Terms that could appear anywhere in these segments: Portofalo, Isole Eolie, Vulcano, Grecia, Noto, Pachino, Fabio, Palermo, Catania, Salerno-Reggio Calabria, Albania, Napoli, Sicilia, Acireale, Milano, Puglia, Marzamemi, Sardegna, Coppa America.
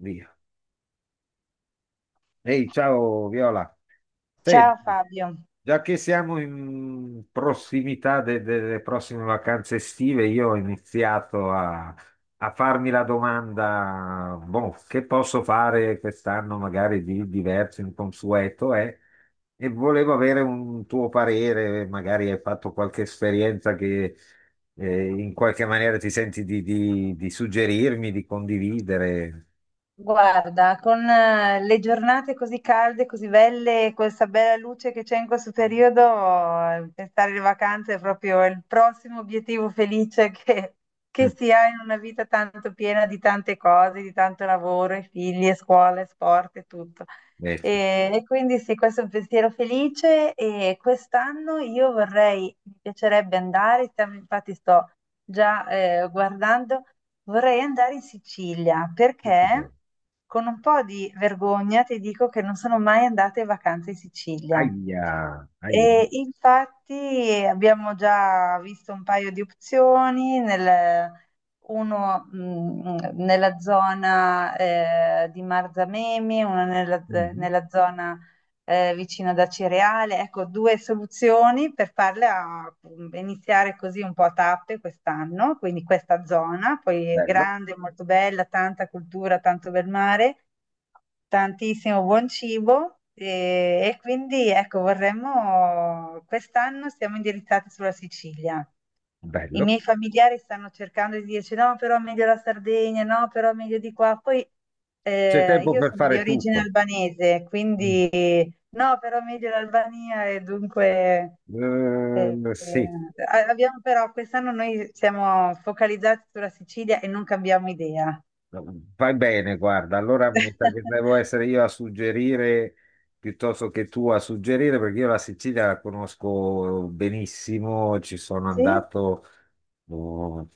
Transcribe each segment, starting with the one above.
Via. Ehi, ciao Viola. Ciao Senti, Fabio, già che siamo in prossimità delle prossime vacanze estive, io ho iniziato a farmi la domanda, boh, che posso fare quest'anno magari di diverso, inconsueto, eh? E volevo avere un tuo parere, magari hai fatto qualche esperienza che in qualche maniera ti senti di suggerirmi, di condividere. guarda, con le giornate così calde, così belle, e questa bella luce che c'è in questo periodo, pensare alle vacanze è proprio il prossimo obiettivo felice che Mm, si ha in una vita tanto piena di tante cose, di tanto lavoro, e figli, e scuola, e sport e tutto. ecco. E quindi sì, questo è un pensiero felice e quest'anno io vorrei, mi piacerebbe andare, stiamo- infatti sto già guardando, vorrei andare in Sicilia perché con un po' di vergogna ti dico che non sono mai andata in vacanza in Sicilia. Aia, aia. E infatti abbiamo già visto un paio di opzioni nel- uno nella zona di Marzamemi, Mm, nella zona vicino ad Acireale. Ecco, due soluzioni per farle a- iniziare così un po' a tappe quest'anno, quindi questa zona, poi è bello, grande, molto bella, tanta cultura, tanto bel mare. Tantissimo buon cibo e, quindi ecco, vorremmo, quest'anno siamo indirizzati sulla Sicilia. I bello. miei familiari stanno cercando di dirci no, però meglio la Sardegna, no, però meglio di qua. Poi C'è tempo io per sono di fare origine tutto. albanese, Mm. quindi no, però meglio l'Albania e dunque Sì, a- abbiamo però quest'anno noi siamo focalizzati sulla Sicilia e non cambiamo idea. vai bene, guarda. Allora mi sa che devo essere io a suggerire piuttosto che tu a suggerire, perché io la Sicilia la conosco benissimo, ci sono Sì? andato oh,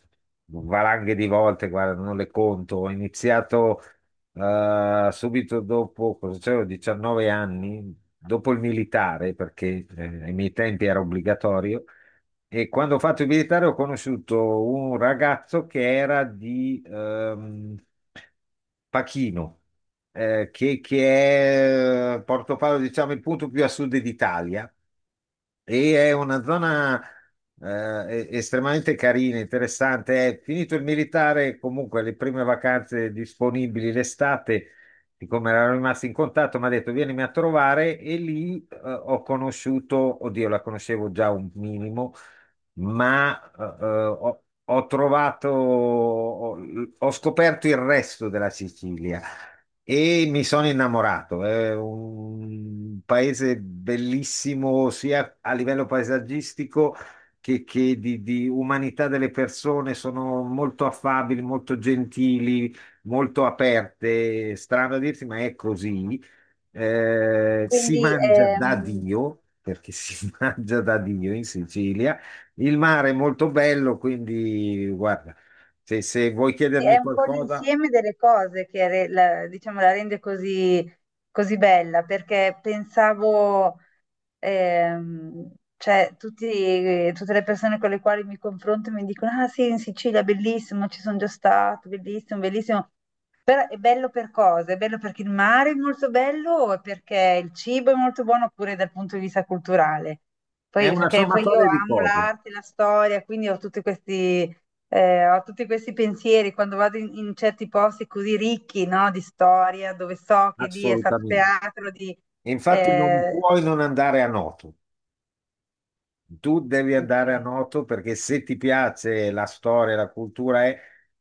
valanghe di volte, guarda, non le conto. Ho iniziato Subito dopo, cosa c'avevo, 19 anni, dopo il militare, perché ai miei tempi era obbligatorio, e quando ho fatto il militare ho conosciuto un ragazzo che era di Pachino, che è Portofalo, diciamo, il punto più a sud d'Italia. E è una zona estremamente carina, interessante. È finito il militare, comunque le prime vacanze disponibili l'estate, siccome eravamo rimasti in contatto, mi ha detto vienimi a trovare e lì ho conosciuto, oddio, la conoscevo già un minimo, ma ho scoperto il resto della Sicilia e mi sono innamorato. È un paese bellissimo sia a livello paesaggistico che di umanità delle persone. Sono molto affabili, molto gentili, molto aperte. Strano a dirsi, ma è così. Si Quindi mangia da Dio, perché si mangia da Dio in Sicilia. Il mare è molto bello, quindi guarda, se vuoi chiedermi è un po' qualcosa, l'insieme delle cose che re- la, diciamo, la rende così, così bella, perché pensavo, cioè, tutti- tutte le persone con le quali mi confronto mi dicono, ah sì, in Sicilia, bellissimo, ci sono già stato, bellissimo, bellissimo. Però è bello per cosa? È bello perché il mare è molto bello o perché il cibo è molto buono oppure dal punto di vista culturale? è Poi, una perché poi io sommatoria di amo cose, l'arte, la storia, quindi ho tutti questi pensieri quando vado in, in certi posti così ricchi, no, di storia, dove so che lì è stato assolutamente. teatro di... E infatti non eh, puoi non andare a Noto, tu devi andare a ok, Noto perché se ti piace la storia, la cultura è,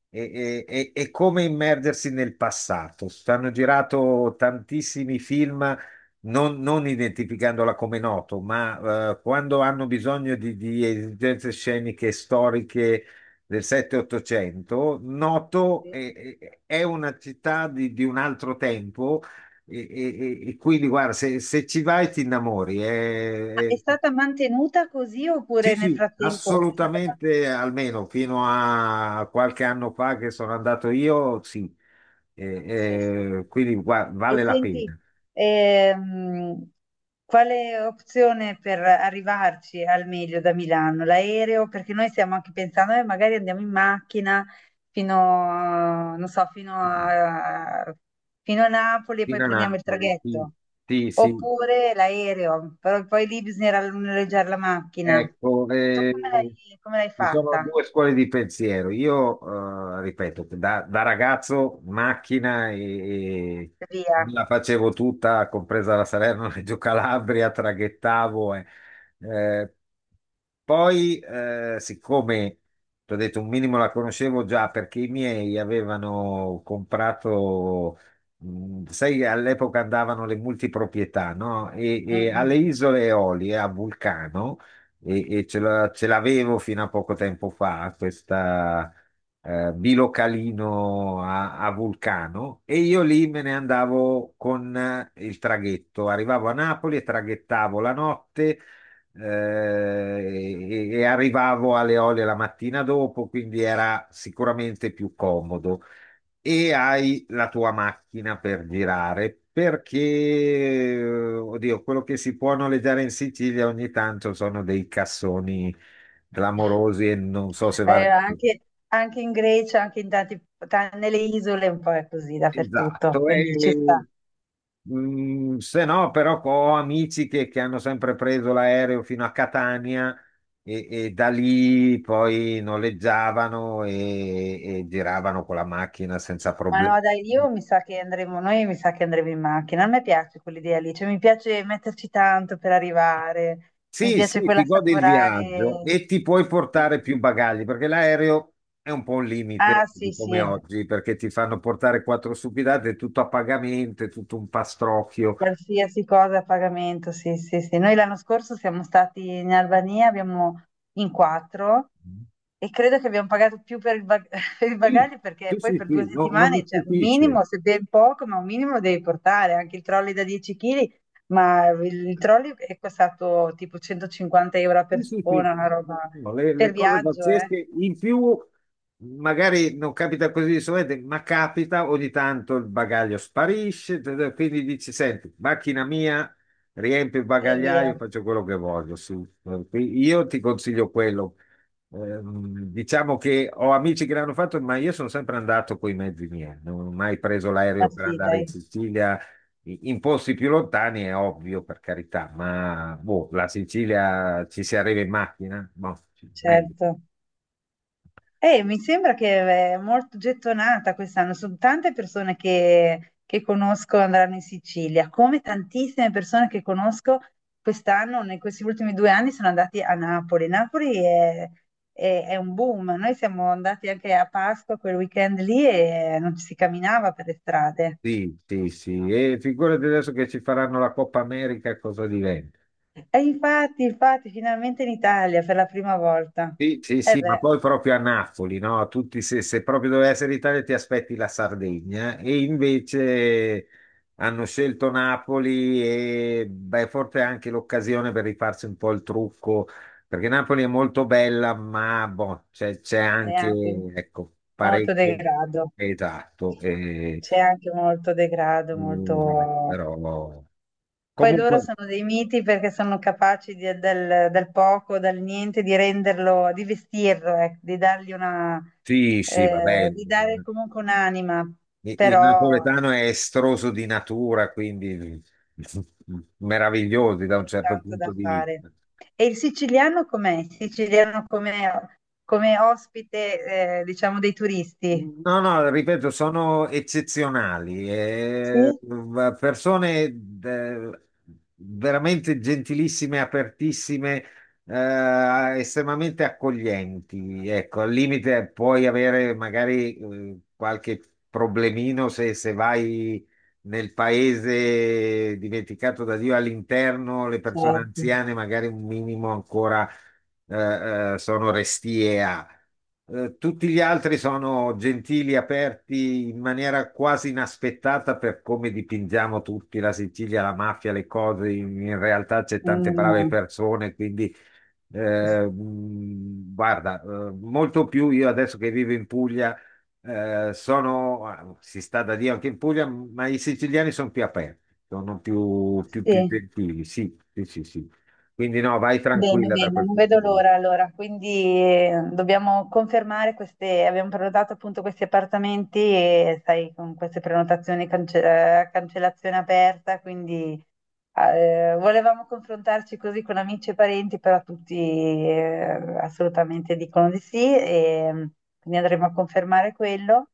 è come immergersi nel passato. Stanno girato tantissimi film, non identificandola come Noto, ma quando hanno bisogno di esigenze sceniche storiche del 7-800, sì. È una città di un altro tempo. E quindi guarda, se ci vai ti innamori, Ma è è stata mantenuta così sì, oppure nel sì, frattempo è stata... assolutamente, almeno fino a qualche anno fa che sono andato io, sì. Sì, sì, sì. E Vale la senti, pena. ehm, quale opzione per arrivarci al meglio da Milano? L'aereo? Perché noi stiamo anche pensando, magari andiamo in macchina fino, non so, fino a, fino a Napoli e poi Fino a prendiamo il Napoli, sì, traghetto. sì, sì. Oppure l'aereo, però poi lì bisognerà noleggiare la macchina. Ecco, Tu come l'hai ci sono fatta? due scuole di pensiero. Io, ripeto, da ragazzo macchina e me Via. la facevo tutta, compresa la Salerno-Reggio Calabria, traghettavo. Eh, poi, siccome, ti ho detto, un minimo la conoscevo già perché i miei avevano comprato... Mm, sai, all'epoca andavano le multiproprietà, no? E Mm, alle mm. isole Eolie a Vulcano ce l'avevo fino a poco tempo fa, questa bilocalino a Vulcano, e io lì me ne andavo con il traghetto. Arrivavo a Napoli e traghettavo la notte e arrivavo alle Eolie la mattina dopo, quindi era sicuramente più comodo e hai la tua macchina per girare, perché, oddio, quello che si può noleggiare in Sicilia ogni tanto sono dei cassoni clamorosi e non so se vale Eh, la pena. anche, anche in Grecia, anche in tanti, ta- nelle isole, un po' è così Esatto, dappertutto, quindi ci sta. e, mm, se no però ho amici che hanno sempre preso l'aereo fino a Catania e da lì poi noleggiavano e giravano con la macchina senza Ma problemi. no, dai, io mi sa che andremo, noi mi sa che andremo in macchina. A me piace quell'idea lì, cioè mi piace metterci tanto per arrivare, mi Sì, piace sì, quella ti godi il viaggio assaporare. e ti puoi portare Sì. più bagagli perché l'aereo è un po' un Ah, limite sì, di come sì, oggi perché ti fanno portare quattro stupidate, è tutto a pagamento, è tutto un pastrocchio. qualsiasi cosa a pagamento, sì, sì, sì. Noi l'anno scorso siamo stati in Albania, abbiamo in quattro. E credo che abbiamo pagato più per il, bag- per il Sì, bagaglio perché sì, poi sì, per due sì, non mi settimane, cioè un stupisce. minimo, se ben poco, ma un minimo lo devi portare, anche il trolley da 10 kg, ma il trolley è costato tipo 150 euro a Sì, sì, persona, sì. una roba No, Le, per le cose viaggio, eh? pazzesche in più magari non capita così di solito, ma capita ogni tanto il bagaglio sparisce, quindi dici, senti, macchina mia, riempio il E via. bagagliaio, faccio quello che voglio. Sì. Io ti consiglio quello. Diciamo che ho amici che l'hanno fatto, ma io sono sempre andato con i mezzi miei, non ho mai preso Ma l'aereo per sì, andare in dai, Sicilia. In posti più lontani è ovvio, per carità, ma boh, la Sicilia ci si arriva in macchina? Boh, sì, meglio. certo. Mi sembra che è molto gettonata quest'anno, sono tante persone che conosco andranno in Sicilia, come tantissime persone che conosco quest'anno, in questi ultimi 2 anni sono andati a Napoli. Napoli è un boom, noi siamo andati anche a Pasqua quel weekend lì e non ci si camminava per le strade. Sì, sì, sì. E figurati adesso che ci faranno la Coppa America, cosa diventa? E infatti, infatti, finalmente in Italia per la prima volta. Sì, sì, E sì, ma beh, poi proprio a Napoli, no? Tutti, se proprio doveva essere l'Italia, ti aspetti la Sardegna eh? E invece hanno scelto Napoli e beh, forse è anche l'occasione per rifarsi un po' il trucco, perché Napoli è molto bella, ma boh, c'è è anche, anche ecco, molto parecchio. degrado, Esatto, e, c'è anche molto degrado, mm, vabbè, molto... però Poi loro comunque sono dei miti perché sono capaci di- del, del poco, dal niente, di renderlo, di vestirlo, ecco, di dargli una, sì, sì, va bene. di dare comunque un'anima, Il però napoletano è estroso di natura, quindi meravigliosi da c'è un certo tanto punto da di fare. vista. E il siciliano com'è? Il siciliano come, come ospite, diciamo, dei turisti? No, no, ripeto, sono eccezionali, Sì, persone veramente gentilissime, apertissime, estremamente accoglienti. Ecco, al limite puoi avere magari qualche problemino se vai nel paese dimenticato da Dio all'interno, le persone certo. anziane magari un minimo ancora sono restie a. Tutti gli altri sono gentili, aperti in maniera quasi inaspettata per come dipingiamo tutti la Sicilia, la mafia, le cose. In realtà c'è tante brave Mm, persone, quindi s- guarda, molto più io adesso che vivo in Puglia. Eh, sono, ah, si sta da Dio anche in Puglia, ma i siciliani sono più aperti, sono più sì. gentili, sì, sì, sì, sì. Quindi no, vai Bene, tranquilla da bene, quel non punto vedo di. l'ora allora, quindi dobbiamo confermare queste, abbiamo prenotato appunto questi appartamenti e sai, con queste prenotazioni cance- cancellazione aperta, quindi ah, volevamo confrontarci così con amici e parenti, però tutti assolutamente dicono di sì e mm, quindi andremo a confermare quello.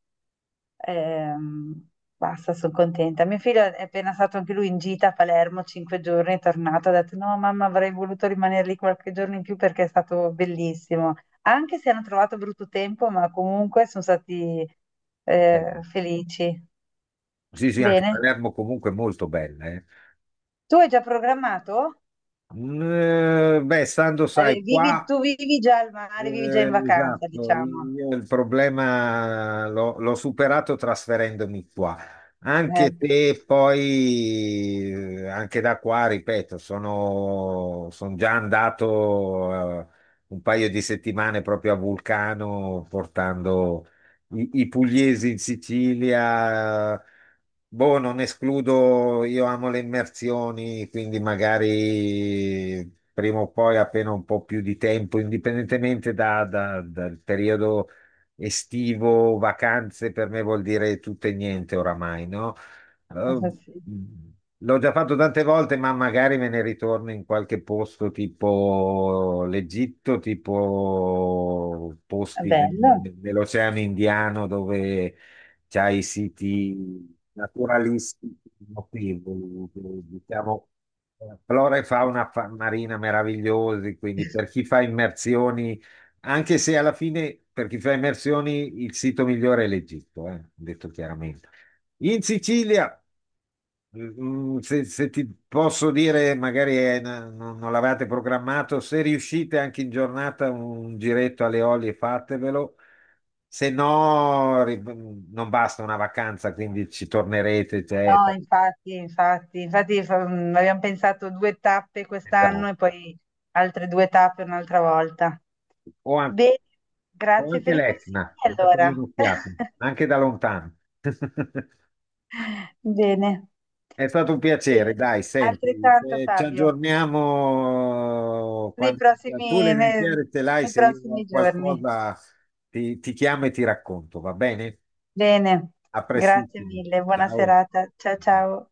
Ehm, basta, sono contenta. Mio figlio è appena stato anche lui in gita a Palermo, 5 giorni, è tornato, ha detto no mamma avrei voluto rimanere lì qualche giorno in più perché è stato bellissimo. Anche se hanno trovato brutto tempo, ma comunque sono stati Eh, felici. Sì, sì, anche Bene. Palermo comunque è molto bella. Eh. Tu hai già programmato? Mm, beh, stando, sai, Vivi- qua, tu vivi già al mare, vivi già in vacanza, esatto, diciamo. io il problema l'ho superato trasferendomi qua, anche Ecco, se poi, anche da qua, ripeto, sono, son già andato, un paio di settimane proprio a Vulcano portando i pugliesi in Sicilia. Boh, non escludo, io amo le immersioni, quindi magari prima o poi, appena un po' più di tempo, indipendentemente dal periodo estivo, vacanze, per me vuol dire tutto e niente oramai, no? Ehm, questo sì. mm. L'ho già fatto tante volte, ma magari me ne ritorno in qualche posto tipo l'Egitto, tipo posti Bello. nell'Oceano Indiano dove c'hai i siti naturalistici notevoli, diciamo, flora e fauna marina meravigliosi, quindi per chi fa immersioni, anche se alla fine per chi fa immersioni il sito migliore è l'Egitto, detto chiaramente. In Sicilia. Mm, se ti posso dire, magari non l'avevate programmato, se riuscite anche in giornata un giretto alle olie, fatevelo, se no non basta una vacanza, quindi ci tornerete. Cioè, No, infatti, infatti, infatti fa- abbiamo pensato 2 tappe quest'anno esatto. e poi altre 2 tappe un'altra volta. o, an- Bene, o grazie anche per i consigli l'Etna, allora. datevi un'occhiata, anche da lontano. Bene, È stato un e piacere, dai, senti, altrettanto ci Fabio, aggiorniamo nei quando tu le prossimi, idee nei chiare te l'hai, nei se io prossimi ho giorni. qualcosa ti, ti chiamo e ti racconto, va bene? Bene, A grazie prestissimo, mille, buona ciao. serata, ciao ciao.